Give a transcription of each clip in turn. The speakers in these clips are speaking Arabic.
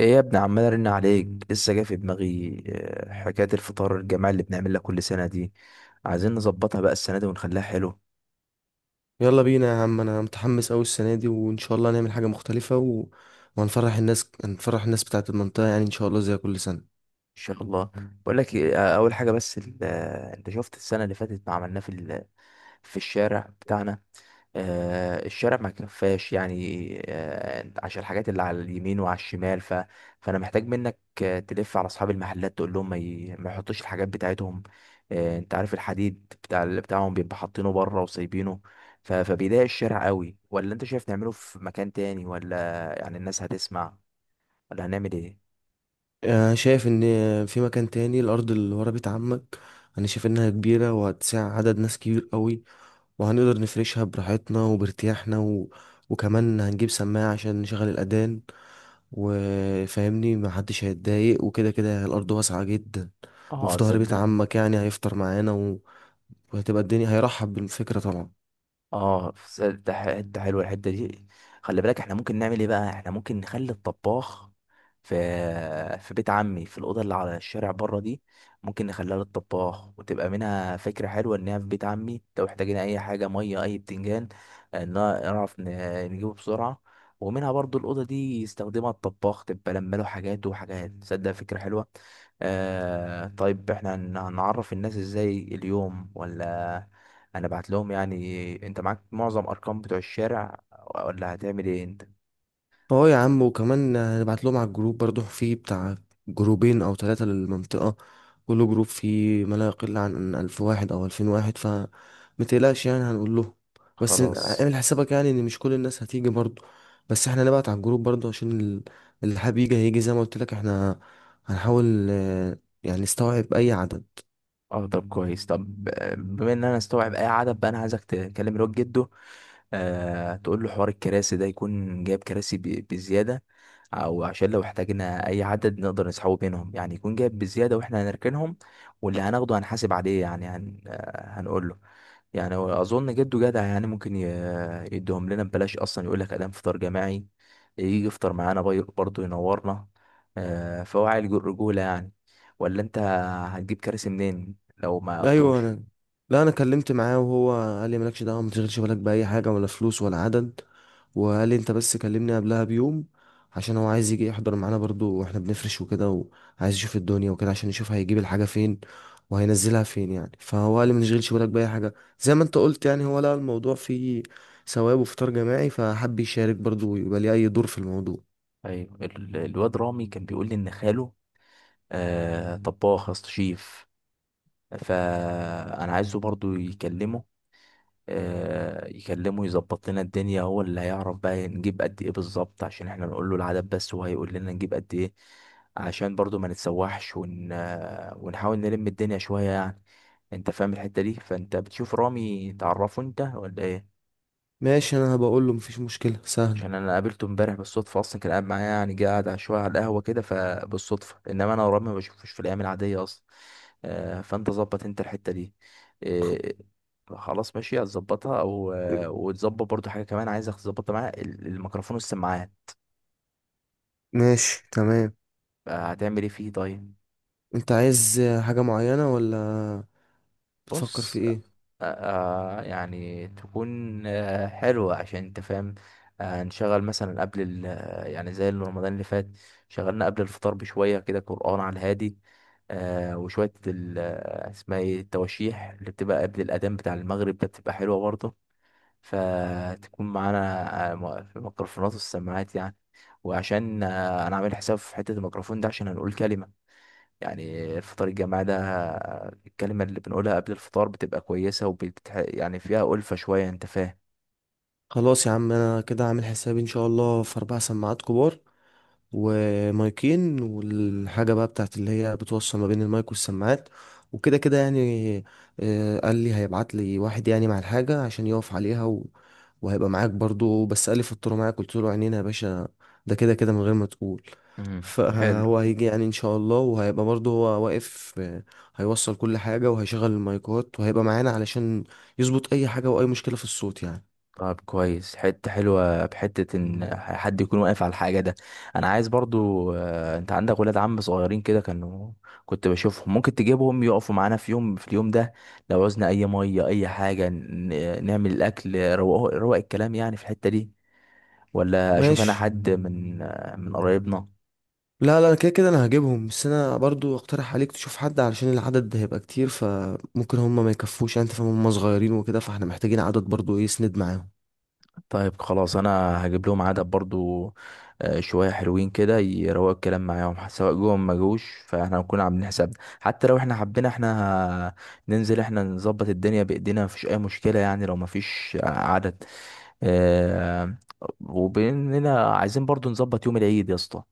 ايه يا ابني، عمال ارن عليك، لسه جه في دماغي، حكايه الفطار الجماعي اللي بنعملها كل سنه دي. عايزين نظبطها بقى السنه دي ونخليها حلو ان يلا بينا يا عم، انا متحمس قوي السنه دي وان شاء الله نعمل حاجه مختلفه وهنفرح الناس، هنفرح الناس بتاعه المنطقه، يعني ان شاء الله زي كل سنه. شاء الله. بقول لك إيه، اول حاجه، بس انت شفت السنه اللي فاتت ما عملناه في الشارع بتاعنا؟ الشارع ما كفاش يعني، عشان الحاجات اللي على اليمين وعلى الشمال، فانا محتاج منك، تلف على اصحاب المحلات تقول لهم ما يحطوش الحاجات بتاعتهم. انت عارف الحديد بتاع اللي بتاعهم بيبقى حاطينه بره وسايبينه، فبيضايق الشارع قوي. ولا انت شايف نعمله في مكان تاني؟ ولا يعني الناس هتسمع؟ ولا هنعمل ايه؟ شايف ان في مكان تاني، الارض اللي ورا بيت عمك. انا شايف انها كبيره وهتسع عدد ناس كبير قوي، وهنقدر نفرشها براحتنا وبارتياحنا، وكمان هنجيب سماعه عشان نشغل الاذان، وفاهمني محدش هيتضايق، وكده كده الارض واسعه جدا، وفي اه، ظهر بيت تصدق. عمك يعني هيفطر معانا، وهتبقى الدنيا هيرحب بالفكره طبعا. اه، ده حته حلوه الحته دي. خلي بالك، احنا ممكن نعمل ايه بقى؟ احنا ممكن نخلي الطباخ في في بيت عمي، في الاوضه اللي على الشارع بره دي. ممكن نخليها للطباخ، وتبقى منها فكره حلوه انها في بيت عمي، لو احتاجنا اي حاجه، ميه، اي بتنجان، ان نعرف نجيبه بسرعه. ومنها برضو الاوضه دي يستخدمها الطباخ، تبقى لما له حاجات وحاجات. تصدق، فكره حلوه. طيب، احنا هنعرف الناس ازاي اليوم؟ ولا انا بعت لهم؟ يعني انت معاك معظم ارقام بتوع الشارع، ولا هتعمل ايه انت؟ اه يا عم، وكمان هنبعت لهم على الجروب برضو، في بتاع جروبين او 3 للمنطقة. كل جروب فيه ما لا يقل عن 1000 واحد او 2000 واحد، فمتقلقش يعني، هنقول لهم. بس خلاص. اعمل حسابك يعني ان مش كل الناس هتيجي برضو، بس احنا نبعت على الجروب برضو عشان اللي حابب يجي هيجي. زي ما قلت لك احنا هنحاول يعني نستوعب اي عدد. اه، طب كويس. طب، بما ان انا استوعب اي عدد بقى، انا عايزك تكلم الواد جده. تقول له حوار الكراسي ده، يكون جايب كراسي بزياده، او عشان لو احتاجنا اي عدد نقدر نسحبه بينهم، يعني يكون جايب بزياده واحنا هنركنهم، واللي هناخده هنحاسب عليه. يعني هن آه، هنقول له. يعني هو اظن جده جدع، يعني ممكن يديهم لنا ببلاش اصلا. يقول لك ادام فطار جماعي، يجي يفطر معانا برضه ينورنا. فهو عيل رجولة يعني. ولا انت هتجيب كراسي منين لو ما ايوه قضوش؟ انا، لا انا كلمت معاه وهو قال لي مالكش دعوه، ما تشغلش بالك باي حاجه ولا فلوس ولا عدد. وقال لي انت بس كلمني قبلها بيوم، عشان هو عايز يجي يحضر معانا برضو واحنا بنفرش وكده، وعايز يشوف الدنيا وكده عشان يشوف هيجيب الحاجة فين وهينزلها فين يعني. فهو قال لي ما تشغلش بالك بأي حاجة. زي ما انت قلت يعني، هو لقى الموضوع فيه ثواب وفطار جماعي، فحب يشارك برضو ويبقى ليه أي دور في الموضوع. ايوه، الواد رامي كان بيقول لي ان خاله طباخ، يا اسطى شيف. فانا عايزه برضه يكلمه، يظبط لنا الدنيا. هو اللي هيعرف بقى نجيب قد ايه بالظبط، عشان احنا نقول له العدد بس وهو هيقول لنا نجيب قد ايه، عشان برضو ما نتسوحش، ون... آه، ونحاول نلم الدنيا شوية يعني. انت فاهم الحتة دي؟ فانت بتشوف رامي، تعرفه انت ولا ايه؟ ماشي، انا هبقول له، مفيش مشكلة سهلة. عشان انا قابلته امبارح بالصدفه اصلا، كان قاعد معايا، يعني جه قاعد شويه على القهوه كده فبالصدفه، انما انا ورامي ما بشوفوش في الايام العاديه اصلا. فانت ظبط انت الحته دي. آه، خلاص ماشي، هتظبطها. او آه، وتظبط برضو حاجه كمان، عايزك تظبطها معايا، الميكروفون والسماعات. ماشي تمام. هتعمل ايه فيه طيب؟ انت عايز حاجة معينة ولا بتفكر في بص، آه ايه؟ يعني تكون حلوة، عشان انت فاهم، نشغل مثلا قبل ال آه، يعني زي اللي رمضان اللي فات شغلنا قبل الفطار بشوية كده قرآن على الهادي، وشوية اسمها ايه، التواشيح اللي بتبقى قبل الأذان بتاع المغرب ده، بتبقى حلوة برضه. فتكون معانا، في الميكروفونات والسماعات يعني. وعشان انا عامل حساب في حتة الميكروفون ده، عشان هنقول كلمة، يعني الفطار الجماعي ده، الكلمة اللي بنقولها قبل الفطار بتبقى كويسة، يعني فيها ألفة شوية، أنت فاهم. خلاص يا عم، انا كده عامل حسابي ان شاء الله في 4 سماعات كبار ومايكين، والحاجة بقى بتاعت اللي هي بتوصل ما بين المايك والسماعات، وكده كده يعني. قال لي هيبعت لي واحد يعني مع الحاجة عشان يقف عليها، وهيبقى معاك برضو. بس قال لي فطروا معاك، قلت له عينينا يا باشا، ده كده كده من غير ما تقول. حلو. فهو هيجي يعني ان شاء الله، وهيبقى برضو هو واقف، هيوصل كل حاجة وهيشغل المايكات وهيبقى معانا علشان يظبط اي حاجة واي مشكلة في الصوت يعني. طب كويس، حتة حلوة بحتة إن حد يكون واقف على الحاجة ده. أنا عايز برضو، أنت عندك ولاد عم صغيرين كده، كانوا كنت بشوفهم. ممكن تجيبهم يقفوا معانا في يوم، في اليوم ده، لو عوزنا أي مية، أي حاجة، نعمل الأكل، روق روق الكلام يعني في الحتة دي. ولا أشوف أنا ماشي. حد من قرايبنا؟ لا لا كده كده انا هجيبهم، بس انا برضو اقترح عليك تشوف حد، علشان العدد ده هيبقى كتير، فممكن هم ما يكفوش يعني. انت فاهم، هم صغيرين وكده، فاحنا محتاجين عدد برضو ايه يسند معاهم. طيب خلاص، انا هجيب لهم عدد برضو، شويه حلوين كده يروقوا الكلام معاهم، سواء جوهم ما جوش، فاحنا هنكون عاملين حسابنا حتى لو احنا حبينا احنا ه- ننزل احنا نظبط الدنيا بايدينا، مفيش اي مشكله يعني لو مفيش عدد. آه، وباننا عايزين برضو نظبط يوم العيد يا اسطى،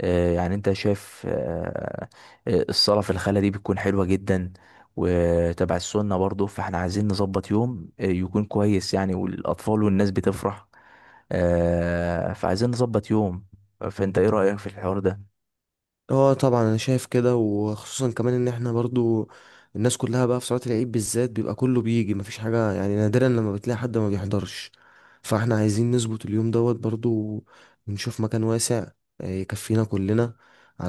يعني انت شايف، الصلاة في الخلا دي بتكون حلوة جدا وتبع السنة برضو، فاحنا عايزين نظبط يوم يكون كويس يعني، والأطفال والناس بتفرح. فعايزين نظبط يوم. فانت ايه رأيك في الحوار ده؟ اه طبعا انا شايف كده، وخصوصا كمان ان احنا برضو الناس كلها بقى في صلاة العيد بالذات بيبقى كله بيجي، مفيش حاجة يعني، نادرا لما بتلاقي حد ما بيحضرش. فاحنا عايزين نظبط اليوم دوت برضو، ونشوف مكان واسع يكفينا كلنا،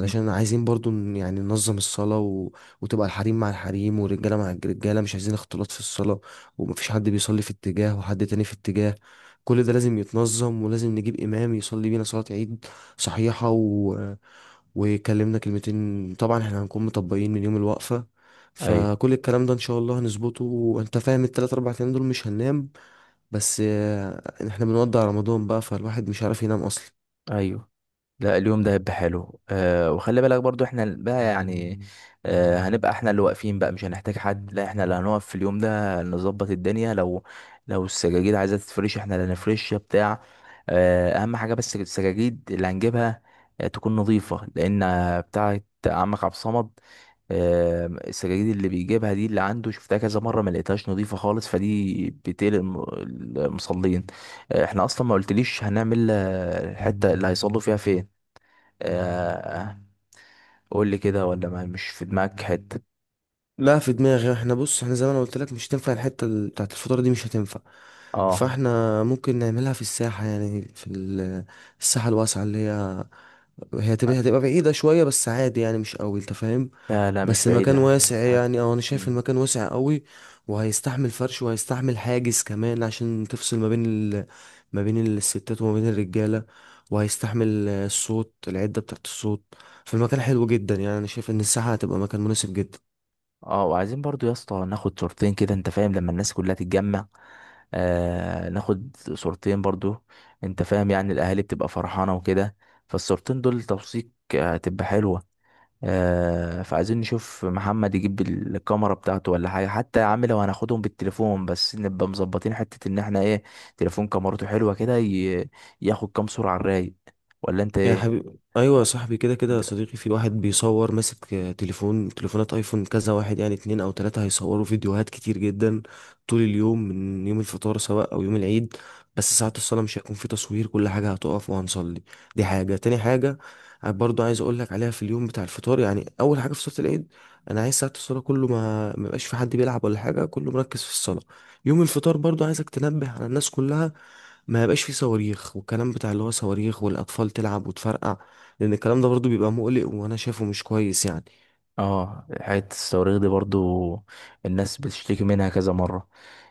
مم. عايزين برضو يعني ننظم الصلاة، وتبقى الحريم مع الحريم والرجالة مع الرجالة، مش عايزين اختلاط في الصلاة، ومفيش حد بيصلي في اتجاه وحد تاني في اتجاه. كل ده لازم يتنظم، ولازم نجيب إمام يصلي بينا صلاة عيد صحيحة، وكلمنا كلمتين. طبعا احنا هنكون مطبقين من يوم الوقفة، ايوه. فكل الكلام ده ان شاء الله هنظبطه، وانت فاهم التلات اربع ايام دول مش هننام. بس احنا بنودع رمضان بقى، فالواحد مش عارف ينام اصلا. ايوه، لا، اليوم ده هيبقى حلو. وخلي بالك برضو، احنا بقى يعني هنبقى احنا اللي واقفين بقى، مش هنحتاج حد، لا احنا اللي هنقف في اليوم ده نظبط الدنيا. لو السجاجيد عايزة تتفرش احنا اللي هنفرشها بتاع. اهم حاجة، بس السجاجيد اللي هنجيبها تكون نظيفة، لان بتاعة عمك عبد الصمد، السجاجيد اللي بيجيبها دي اللي عنده شفتها كذا مرة ما لقيتهاش نظيفة خالص، فدي بتقلق المصلين. احنا اصلا ما قلتليش هنعمل الحتة اللي هيصلوا فيها فين، آه، قول لي كده، ولا ما مش في دماغك حتة؟ لا في دماغي، احنا بص، احنا زي ما انا قلت لك مش هتنفع، الحتة بتاعت الفطار دي مش هتنفع. اه. فاحنا ممكن نعملها في الساحة، يعني في الساحة الواسعة اللي هي هتبقى بعيدة شوية، بس عادي يعني، مش قوي انت فاهم. لا لا، مش بس المكان بعيدة. واسع هت... يعني، او انا شايف مم. المكان واسع قوي. وهيستحمل فرش، وهيستحمل حاجز كمان عشان تفصل ما بين ما بين الستات وما بين الرجاله، وهيستحمل الصوت، العده بتاعت الصوت. فالمكان حلو جدا يعني، انا شايف ان الساحه هتبقى مكان مناسب جدا. اه، وعايزين برضو يا اسطى ناخد صورتين كده، انت فاهم، لما الناس كلها تتجمع ناخد صورتين برضو. انت فاهم يعني الاهالي بتبقى فرحانة وكده، فالصورتين دول توثيق، هتبقى حلوة. فعايزين نشوف محمد يجيب الكاميرا بتاعته، ولا حاجة حتى يا عم لو هناخدهم بالتليفون، بس نبقى مظبطين حتة ان احنا ايه، تليفون كاميرته حلوة كده، ياخد كام صورة على الرايق، ولا انت يا ايه؟ حبيبي، ايوه يا اه. صاحبي، كده كده يا د- صديقي، في واحد بيصور ماسك تليفون، تليفونات ايفون كذا واحد يعني 2 او 3، هيصوروا فيديوهات كتير جدا طول اليوم، من يوم الفطار سواء او يوم العيد. بس ساعة الصلاة مش هيكون في تصوير، كل حاجة هتقف وهنصلي. دي حاجة. تاني حاجة برضو عايز اقول لك عليها في اليوم بتاع الفطار، يعني اول حاجة، في صلاة العيد انا عايز ساعة الصلاة كله ما يبقاش في حد بيلعب ولا حاجة، كله مركز في الصلاة. يوم الفطار برضو عايزك تنبه على الناس كلها ما يبقاش فيه صواريخ، والكلام بتاع اللي هو صواريخ، والاطفال تلعب وتفرقع، لان الكلام ده برضو بيبقى مقلق، وانا شايفه مش كويس يعني. حتة الصواريخ دي برضو الناس بتشتكي منها كذا مرة،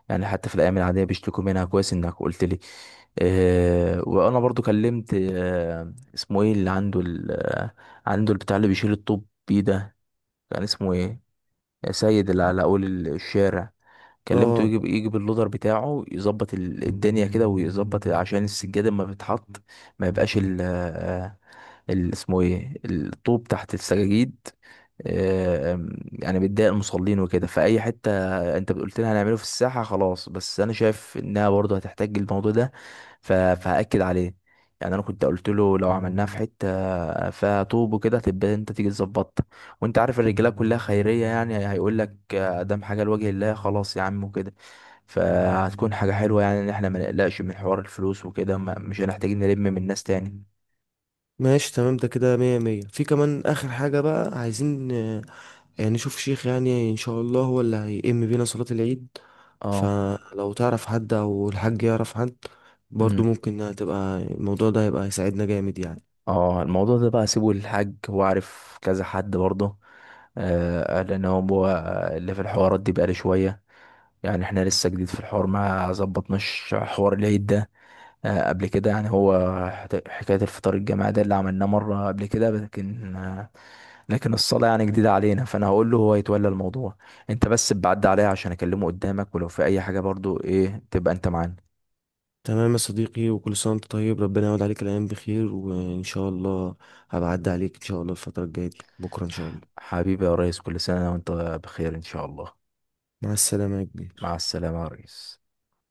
يعني حتى في الأيام العادية بيشتكوا منها. كويس انك قلت لي. وأنا برضو كلمت، اسمه ايه، اللي عنده عنده البتاع اللي بيشيل الطوب بيه ده، كان اسمه ايه، سيد اللي على اول الشارع. كلمته اه يجي يجي باللودر بتاعه، يظبط الدنيا كده، ويظبط عشان السجاده لما بتتحط ما يبقاش اسمه ايه، الطوب تحت السجاجيد. يعني بتضايق المصلين وكده. فأي حتة انت قلت لنا هنعمله في الساحة خلاص، بس انا شايف انها برضه هتحتاج الموضوع ده، فهأكد عليه. يعني انا كنت قلت له لو عملناها في حتة فيها طوب وكده تبقى انت تيجي تظبطها، وانت عارف الرجاله كلها خيرية، يعني هيقول لك دام حاجة لوجه الله خلاص يا عم وكده. فهتكون حاجة حلوة يعني، ان احنا ما نقلقش من حوار الفلوس وكده، مش هنحتاج نلم من الناس تاني. ماشي تمام، ده كده مية مية. في كمان اخر حاجة بقى، عايزين يعني نشوف شيخ، يعني ان شاء الله هو اللي هيئم بينا صلاة العيد. اه. فلو تعرف حد او الحاج يعرف حد برضو امم. ممكن، هتبقى الموضوع ده هيبقى هيساعدنا جامد يعني. اه، الموضوع ده بقى سيبه للحاج، هو عارف كذا حد برضه. لان هو اللي في الحوارات دي بقاله شويه، يعني احنا لسه جديد في الحوار، ما ظبطناش حوار العيد ده قبل كده. يعني هو حكايه الفطار الجماعي ده اللي عملناه مره قبل كده، لكن الصلاه يعني جديده علينا، فانا هقول له هو يتولى الموضوع، انت بس بعد عليها عشان اكلمه قدامك، ولو في اي حاجه برضه ايه تبقى انت معانا. تمام يا صديقي، وكل سنة وانت طيب، ربنا يعود عليك الأيام بخير، وإن شاء الله هبعدي عليك إن شاء الله الفترة الجاية دي بكرة إن شاء الله. حبيبي يا ريس، كل سنه وانت بخير ان شاء الله. مع السلامة يا مع كبير. السلامة يا ريس.